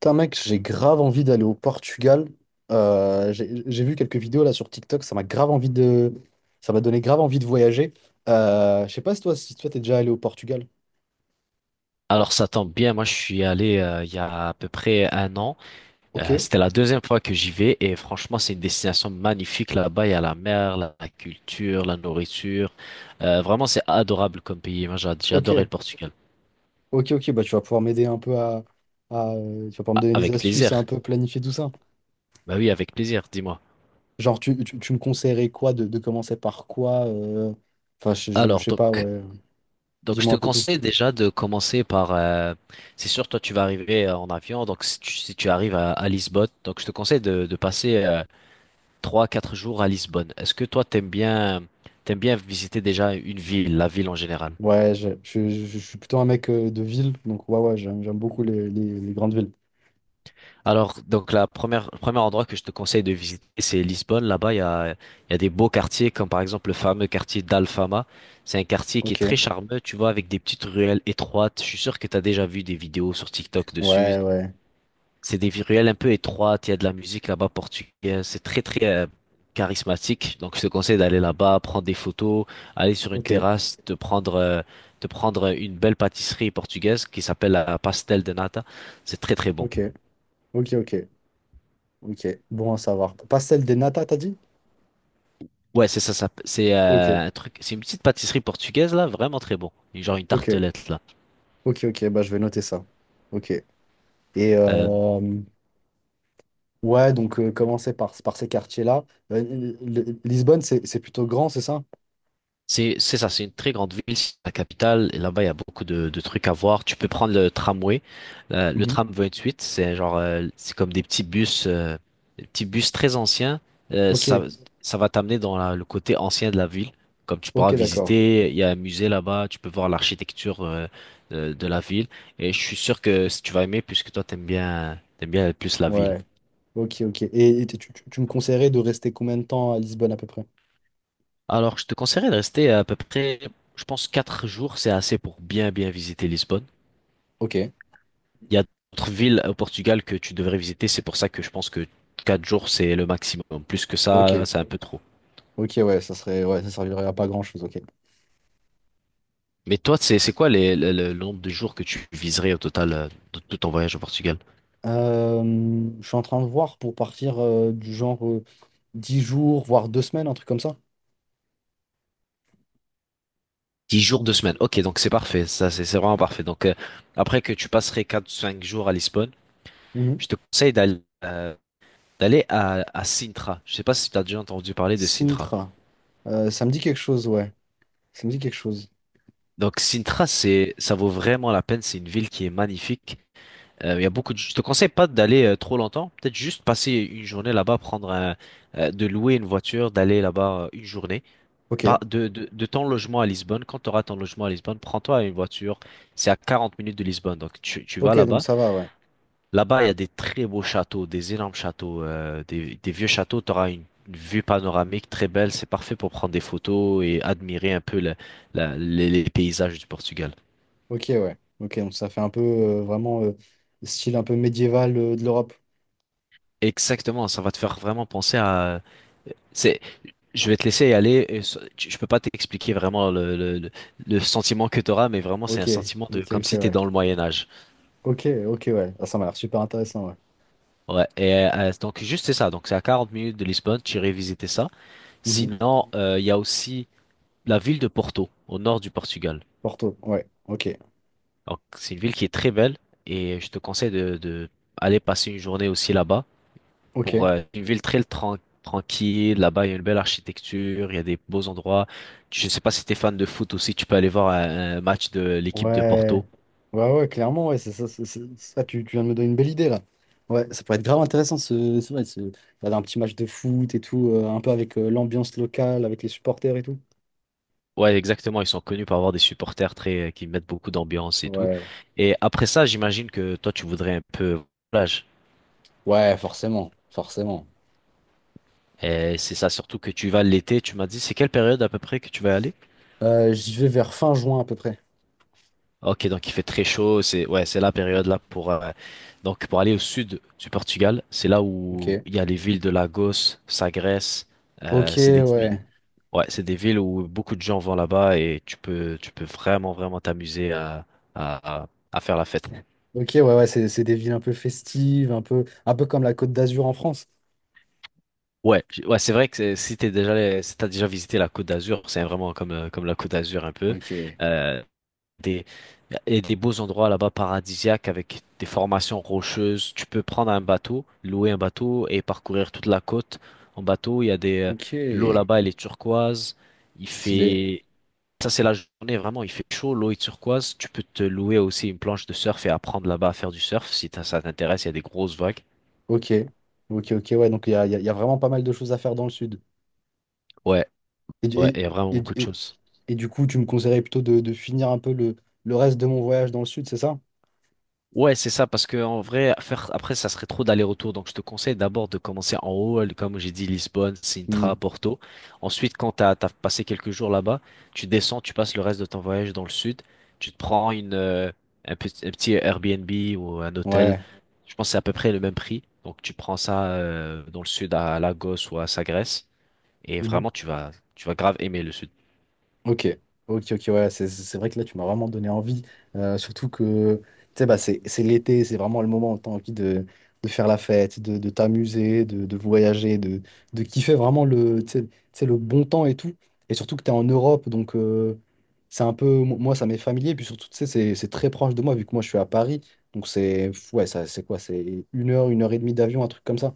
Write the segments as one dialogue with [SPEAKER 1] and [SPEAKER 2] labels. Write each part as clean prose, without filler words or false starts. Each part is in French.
[SPEAKER 1] Putain, mec, j'ai grave envie d'aller au Portugal. J'ai vu quelques vidéos là sur TikTok, ça m'a grave envie de... Ça m'a donné grave envie de voyager. Je sais pas si toi, si toi t'es déjà allé au Portugal.
[SPEAKER 2] Alors ça tombe bien, moi je suis allé il y a à peu près un an.
[SPEAKER 1] Ok,
[SPEAKER 2] C'était la deuxième fois que j'y vais et franchement c'est une destination magnifique là-bas. Il y a la mer, la culture, la nourriture. Vraiment, c'est adorable comme pays. Moi, j'ai adoré le
[SPEAKER 1] ok,
[SPEAKER 2] Portugal.
[SPEAKER 1] ok, ok, bah tu vas pouvoir m'aider un peu à tu vas pouvoir me
[SPEAKER 2] Ah,
[SPEAKER 1] donner des
[SPEAKER 2] avec
[SPEAKER 1] astuces et un
[SPEAKER 2] plaisir.
[SPEAKER 1] peu planifier tout ça.
[SPEAKER 2] Bah oui, avec plaisir, dis-moi.
[SPEAKER 1] Genre, tu me conseillerais quoi de commencer par quoi enfin, je
[SPEAKER 2] Alors
[SPEAKER 1] sais pas,
[SPEAKER 2] donc
[SPEAKER 1] ouais.
[SPEAKER 2] donc je
[SPEAKER 1] Dis-moi
[SPEAKER 2] te
[SPEAKER 1] un peu tout.
[SPEAKER 2] conseille déjà de commencer par. C'est sûr, toi tu vas arriver en avion. Donc si tu arrives à Lisbonne, donc je te conseille de passer 3, 4 jours à Lisbonne. Est-ce que toi, t'aimes bien visiter déjà une ville, la ville en général?
[SPEAKER 1] Ouais, je suis plutôt un mec de ville, donc ouais, ouais, j'aime beaucoup les, les grandes villes.
[SPEAKER 2] Alors, donc, le premier endroit que je te conseille de visiter, c'est Lisbonne. Là-bas, il y a des beaux quartiers, comme par exemple le fameux quartier d'Alfama. C'est un quartier qui est très
[SPEAKER 1] Ok,
[SPEAKER 2] charmeux, tu vois, avec des petites ruelles étroites. Je suis sûr que tu as déjà vu des vidéos sur TikTok dessus.
[SPEAKER 1] ouais, ouais,
[SPEAKER 2] C'est des ruelles un peu étroites, il y a de la musique là-bas portugaise, c'est très très charismatique. Donc je te conseille d'aller là-bas, prendre des photos, aller sur une
[SPEAKER 1] ok,
[SPEAKER 2] terrasse, de prendre une belle pâtisserie portugaise qui s'appelle la pastel de nata. C'est très très bon.
[SPEAKER 1] ok, ok, ok, ok. Bon à savoir. Pas celle des Nata, t'as dit?
[SPEAKER 2] Ouais, c'est ça. Ça c'est
[SPEAKER 1] Ok,
[SPEAKER 2] un truc, c'est une petite pâtisserie portugaise là, vraiment très bon. Genre, une
[SPEAKER 1] ok,
[SPEAKER 2] tartelette là.
[SPEAKER 1] ok, ok, bah je vais noter ça. Ok. Et
[SPEAKER 2] Euh,
[SPEAKER 1] ouais, donc commencer par, par ces quartiers-là. Euh, Lisbonne, c'est plutôt grand, c'est ça?
[SPEAKER 2] c'est ça, c'est une très grande ville, c'est la capitale, et là-bas il y a beaucoup de trucs à voir. Tu peux prendre le tramway, le
[SPEAKER 1] Mhm.
[SPEAKER 2] tram 28. C'est genre, c'est comme des petits bus très anciens. Euh,
[SPEAKER 1] Ok,
[SPEAKER 2] ça ça va t'amener dans le côté ancien de la ville, comme tu pourras
[SPEAKER 1] ok, d'accord.
[SPEAKER 2] visiter. Il y a un musée là-bas, tu peux voir l'architecture de la ville, et je suis sûr que si tu vas aimer, puisque toi t'aimes bien plus la ville.
[SPEAKER 1] Ouais, ok, ok. Et tu me conseillerais de rester combien de temps à Lisbonne à peu près?
[SPEAKER 2] Alors je te conseillerais de rester à peu près, je pense, 4 jours. C'est assez pour bien bien visiter Lisbonne.
[SPEAKER 1] Ok,
[SPEAKER 2] Il y a d'autres villes au Portugal que tu devrais visiter, c'est pour ça que je pense que 4 jours, c'est le maximum. Plus que ça,
[SPEAKER 1] ok.
[SPEAKER 2] c'est un peu trop.
[SPEAKER 1] Ok, ouais, ça serait, ouais, ça servirait à pas grand-chose, ok.
[SPEAKER 2] Mais toi, c'est quoi le nombre de jours que tu viserais au total de tout ton voyage au Portugal?
[SPEAKER 1] Euh, je suis en train de voir pour partir du genre 10 jours, voire 2 semaines, un truc comme ça.
[SPEAKER 2] 10 jours, 2 semaines. Ok, donc c'est parfait. Ça, c'est vraiment parfait. Donc, après que tu passerais 4-5 jours à Lisbonne,
[SPEAKER 1] Mhm.
[SPEAKER 2] je te conseille d'aller à Sintra. Je sais pas si tu as déjà entendu parler de Sintra.
[SPEAKER 1] Sintra. Ça me dit quelque chose, ouais. Ça me dit quelque chose.
[SPEAKER 2] Donc, Sintra, ça vaut vraiment la peine. C'est une ville qui est magnifique. Il y a beaucoup de… Je te conseille pas d'aller trop longtemps. Peut-être juste passer une journée là-bas, de louer une voiture, d'aller là-bas une journée.
[SPEAKER 1] Ok.
[SPEAKER 2] Pas de ton logement à Lisbonne. Quand tu auras ton logement à Lisbonne, prends-toi une voiture. C'est à 40 minutes de Lisbonne. Donc tu vas
[SPEAKER 1] Ok, donc
[SPEAKER 2] là-bas.
[SPEAKER 1] ça va, ouais.
[SPEAKER 2] Là-bas, il y a des très beaux châteaux, des énormes châteaux, des vieux châteaux. Tu auras une vue panoramique très belle. C'est parfait pour prendre des photos et admirer un peu les paysages du Portugal.
[SPEAKER 1] Ok, ouais. Ok, donc ça fait un peu vraiment style un peu médiéval de l'Europe.
[SPEAKER 2] Exactement, ça va te faire vraiment penser à… c'est Je vais te laisser aller. Je peux pas t'expliquer vraiment le sentiment que tu auras, mais vraiment, c'est un
[SPEAKER 1] Ok,
[SPEAKER 2] sentiment de
[SPEAKER 1] ok,
[SPEAKER 2] comme
[SPEAKER 1] ok,
[SPEAKER 2] si tu es
[SPEAKER 1] ouais.
[SPEAKER 2] dans le Moyen Âge.
[SPEAKER 1] Ok, ok, ouais. Ah, ça m'a l'air super intéressant, ouais.
[SPEAKER 2] Ouais. Donc, juste c'est ça. Donc, c'est à 40 minutes de Lisbonne. Tu irais visiter ça.
[SPEAKER 1] Mhm.
[SPEAKER 2] Sinon, il y a aussi la ville de Porto, au nord du Portugal.
[SPEAKER 1] Porto, ouais. Ok.
[SPEAKER 2] Donc, c'est une ville qui est très belle et je te conseille de aller passer une journée aussi là-bas. Pour
[SPEAKER 1] Ok.
[SPEAKER 2] Une ville très tranquille. Là-bas, il y a une belle architecture, il y a des beaux endroits. Je sais pas si t'es fan de foot aussi, tu peux aller voir un match de l'équipe de
[SPEAKER 1] Ouais,
[SPEAKER 2] Porto.
[SPEAKER 1] ouais, ouais, clairement, ouais, c'est ça, ça, tu viens de me donner une belle idée là. Ouais, ça pourrait être grave intéressant, ce, c'est vrai, ce, regarder un petit match de foot et tout, un peu avec l'ambiance locale, avec les supporters et tout.
[SPEAKER 2] Ouais, exactement. Ils sont connus pour avoir des supporters très qui mettent beaucoup d'ambiance et tout.
[SPEAKER 1] Ouais,
[SPEAKER 2] Et après ça, j'imagine que toi, tu voudrais un peu plage.
[SPEAKER 1] ouais, forcément, forcément.
[SPEAKER 2] Et c'est ça surtout que tu vas l'été. Tu m'as dit, c'est quelle période à peu près que tu vas y aller?
[SPEAKER 1] J'y vais vers fin juin à peu près.
[SPEAKER 2] Ok, donc il fait très chaud. C'est, ouais, c'est la période là pour donc pour aller au sud du Portugal. C'est là
[SPEAKER 1] Ok.
[SPEAKER 2] où il y a les villes de Lagos, Sagres.
[SPEAKER 1] Ok,
[SPEAKER 2] C'est des villes.
[SPEAKER 1] ouais.
[SPEAKER 2] Ouais, c'est des villes où beaucoup de gens vont là-bas et tu peux vraiment vraiment t'amuser à faire la fête.
[SPEAKER 1] Ok, ouais, ouais, c'est des villes un peu festives, un peu comme la Côte d'Azur en France.
[SPEAKER 2] Ouais, c'est vrai que si t'as déjà visité la Côte d'Azur, c'est vraiment comme la Côte d'Azur un peu.
[SPEAKER 1] Ok,
[SPEAKER 2] Euh, des, il y a des beaux endroits là-bas paradisiaques avec des formations rocheuses. Tu peux prendre un bateau, louer un bateau et parcourir toute la côte en bateau. Il y a des,
[SPEAKER 1] ok.
[SPEAKER 2] L'eau là-bas, elle est turquoise. Il
[SPEAKER 1] Stylé.
[SPEAKER 2] fait, Ça c'est la journée vraiment, il fait chaud, l'eau est turquoise. Tu peux te louer aussi une planche de surf et apprendre là-bas à faire du surf si t'as- ça t'intéresse. Il y a des grosses vagues.
[SPEAKER 1] Ok, ok, ok, ouais, donc il y a, il y a vraiment pas mal de choses à faire dans le sud.
[SPEAKER 2] Ouais,
[SPEAKER 1] Et, du-
[SPEAKER 2] ouais,
[SPEAKER 1] et,
[SPEAKER 2] il y a vraiment
[SPEAKER 1] et,
[SPEAKER 2] beaucoup de
[SPEAKER 1] et,
[SPEAKER 2] choses.
[SPEAKER 1] et du coup, tu me conseillerais plutôt de finir un peu le reste de mon voyage dans le sud, c'est ça?
[SPEAKER 2] Ouais, c'est ça, parce que en vrai, faire après, ça serait trop d'aller-retour. Donc, je te conseille d'abord de commencer en haut, comme j'ai dit, Lisbonne, Sintra,
[SPEAKER 1] Hmm.
[SPEAKER 2] Porto. Ensuite, quand t'as passé quelques jours là-bas, tu descends, tu passes le reste de ton voyage dans le sud. Tu te prends un petit Airbnb ou un hôtel.
[SPEAKER 1] Ouais.
[SPEAKER 2] Je pense que c'est à peu près le même prix. Donc, tu prends ça, dans le sud à Lagos ou à Sagres. Et vraiment, tu vas grave aimer le sud.
[SPEAKER 1] Ok, ok, ok, ouais, c'est vrai que là, tu m'as vraiment donné envie. Surtout que, tu sais, bah, c'est l'été, c'est vraiment le moment où tu as envie de faire la fête, de t'amuser, de voyager, de kiffer vraiment le, tu sais, le bon temps et tout. Et surtout que tu es en Europe, donc c'est un peu, moi, ça m'est familier. Et puis surtout, tu sais, c'est très proche de moi, vu que moi, je suis à Paris. Donc c'est, ouais, ça, c'est quoi? C'est une heure et demie d'avion, un truc comme ça.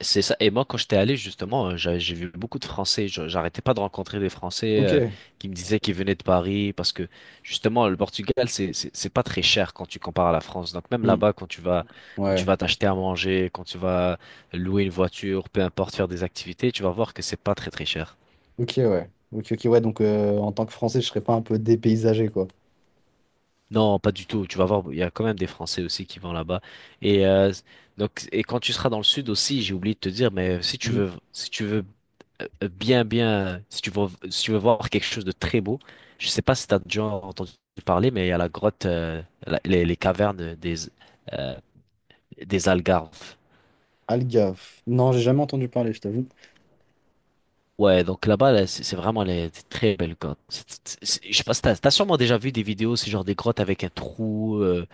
[SPEAKER 2] C'est ça. Et moi, quand j'étais allé, justement, j'ai vu beaucoup de Français. J'arrêtais pas de rencontrer des Français
[SPEAKER 1] Ok,
[SPEAKER 2] qui me disaient qu'ils venaient de Paris parce que, justement, le Portugal, c'est pas très cher quand tu compares à la France. Donc même
[SPEAKER 1] hmm,
[SPEAKER 2] là-bas, quand tu
[SPEAKER 1] ouais,
[SPEAKER 2] vas t'acheter à manger, quand tu vas louer une voiture, peu importe, faire des activités, tu vas voir que c'est pas très très cher.
[SPEAKER 1] ok, ouais. Ok, ok, ouais, donc en tant que Français, je serais pas un peu dépaysagé, quoi.
[SPEAKER 2] Non, pas du tout. Tu vas voir, il y a quand même des Français aussi qui vont là-bas. Et euh, donc, et quand tu seras dans le sud aussi, j'ai oublié de te dire, mais
[SPEAKER 1] Mhm.
[SPEAKER 2] si tu veux si tu veux voir quelque chose de très beau, je sais pas si tu as déjà entendu parler, mais il y a la grotte, les cavernes euh, des Algarves.
[SPEAKER 1] Algaf. Non, j'ai jamais entendu parler, je t'avoue.
[SPEAKER 2] Ouais, donc là-bas, là, c'est vraiment des très belles grottes. Je sais pas si t'as sûrement déjà vu des vidéos, c'est genre des grottes avec un trou, euh,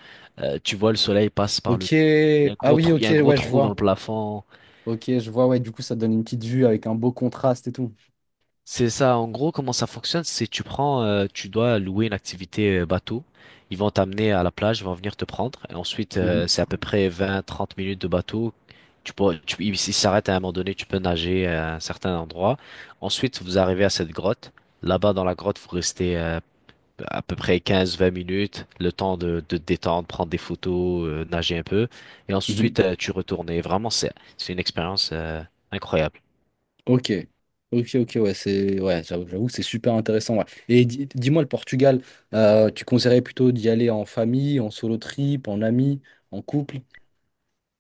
[SPEAKER 2] euh, tu vois le soleil passe par le.
[SPEAKER 1] Ok.
[SPEAKER 2] Il y a un
[SPEAKER 1] Ah
[SPEAKER 2] gros
[SPEAKER 1] oui,
[SPEAKER 2] trou, il y a
[SPEAKER 1] ok,
[SPEAKER 2] un gros
[SPEAKER 1] ouais, je
[SPEAKER 2] trou dans le
[SPEAKER 1] vois.
[SPEAKER 2] plafond.
[SPEAKER 1] Ok, je vois, ouais, du coup, ça donne une petite vue avec un beau contraste et tout.
[SPEAKER 2] C'est ça, en gros, comment ça fonctionne, c'est tu dois louer une activité bateau. Ils vont t'amener à la plage, ils vont venir te prendre. Et ensuite,
[SPEAKER 1] Mhm.
[SPEAKER 2] c'est à peu près 20-30 minutes de bateau. Ils s'arrêtent à un moment donné, tu peux nager à un certain endroit. Ensuite, vous arrivez à cette grotte. Là-bas, dans la grotte, vous restez à peu près 15-20 minutes, le temps de te détendre, prendre des photos, nager un peu. Et
[SPEAKER 1] Mhm.
[SPEAKER 2] ensuite, tu retournes. Et vraiment, c'est une expérience incroyable.
[SPEAKER 1] Ok. Ok, ok, ouais, c'est. Ouais, j'avoue que c'est super intéressant. Ouais. Et dis-moi, le Portugal, tu conseillerais plutôt d'y aller en famille, en solo trip, en ami, en couple?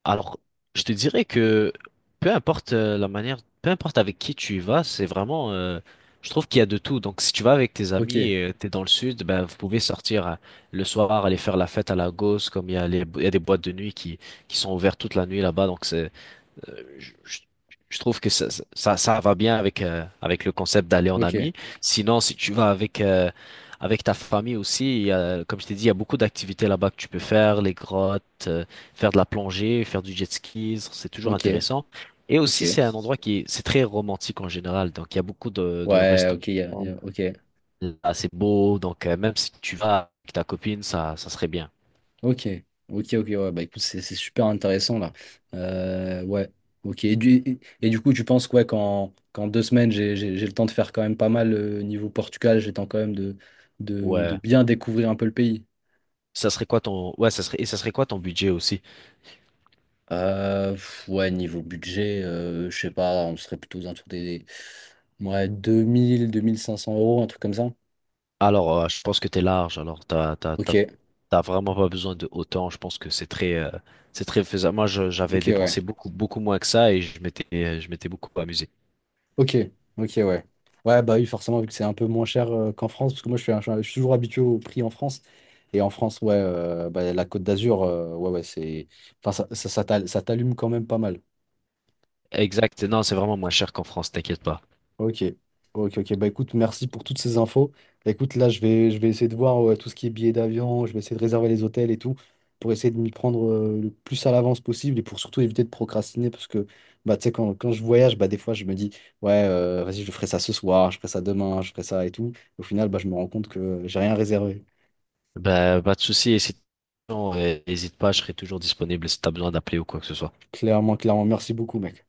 [SPEAKER 2] Alors, je te dirais que peu importe la manière, peu importe avec qui tu y vas, c'est vraiment, je trouve qu'il y a de tout. Donc, si tu vas avec tes
[SPEAKER 1] Ok,
[SPEAKER 2] amis, t'es dans le sud, ben vous pouvez sortir le soir, aller faire la fête à Lagos, comme il y a des boîtes de nuit qui sont ouvertes toute la nuit là-bas. Donc, c'est euh, je, je- je trouve que ça va bien avec le concept d'aller en
[SPEAKER 1] ok,
[SPEAKER 2] ami. Sinon, si tu vas avec ta famille aussi, comme je t'ai dit, il y a beaucoup d'activités là-bas que tu peux faire, les grottes, faire de la plongée, faire du jet ski, c'est toujours
[SPEAKER 1] ok,
[SPEAKER 2] intéressant. Et
[SPEAKER 1] ok.
[SPEAKER 2] aussi, c'est un endroit c'est très romantique en général, donc il y a beaucoup de
[SPEAKER 1] Ouais,
[SPEAKER 2] restaurants,
[SPEAKER 1] ok, ok.
[SPEAKER 2] là, c'est beau, donc même si tu vas avec ta copine, ça serait bien.
[SPEAKER 1] Ok, ok, ok, ouais, bah écoute, c'est super intéressant là. Ouais, ok. Et du coup, tu penses quoi qu'en deux semaines, j'ai le temps de faire quand même pas mal niveau Portugal, j'ai le temps quand même de
[SPEAKER 2] Ouais.
[SPEAKER 1] bien découvrir un peu le pays.
[SPEAKER 2] Ça serait quoi ton, Ouais, ça serait quoi ton budget aussi?
[SPEAKER 1] Pff, ouais, niveau budget, je sais pas, on serait plutôt autour des ouais, deux mille, deux mille cinq cents euros, un truc comme ça.
[SPEAKER 2] Alors, je pense que t'es large. Alors
[SPEAKER 1] Ok,
[SPEAKER 2] t'as vraiment pas besoin de autant. Je pense que c'est très faisable. Moi, j'avais
[SPEAKER 1] ok, ouais.
[SPEAKER 2] dépensé beaucoup, beaucoup moins que ça et je m'étais beaucoup amusé.
[SPEAKER 1] Ok, ok, ouais. Ouais, bah oui, forcément, vu que c'est un peu moins cher qu'en France, parce que moi, je suis, je suis toujours habitué au prix en France. Et en France, ouais, bah, la Côte d'Azur, ouais, ouais, c'est. Enfin, ça, ça t'allume quand même pas mal.
[SPEAKER 2] Exact. Non, c'est vraiment moins cher qu'en France, t'inquiète pas.
[SPEAKER 1] Ok, ok, ok. Bah écoute, merci pour toutes ces infos. Bah, écoute, là, je vais essayer de voir tout ce qui est billets d'avion, je vais essayer de réserver les hôtels et tout, pour essayer de m'y prendre le plus à l'avance possible et pour surtout éviter de procrastiner, parce que bah, tu sais, quand je voyage, bah, des fois, je me dis, ouais, vas-y, je ferai ça ce soir, je ferai ça demain, je ferai ça et tout. Au final, bah, je me rends compte que j'ai rien réservé.
[SPEAKER 2] Bah, pas de souci. Et si, Non, hésite pas, je serai toujours disponible si t'as besoin d'appeler ou quoi que ce soit.
[SPEAKER 1] Clairement, clairement, merci beaucoup, mec.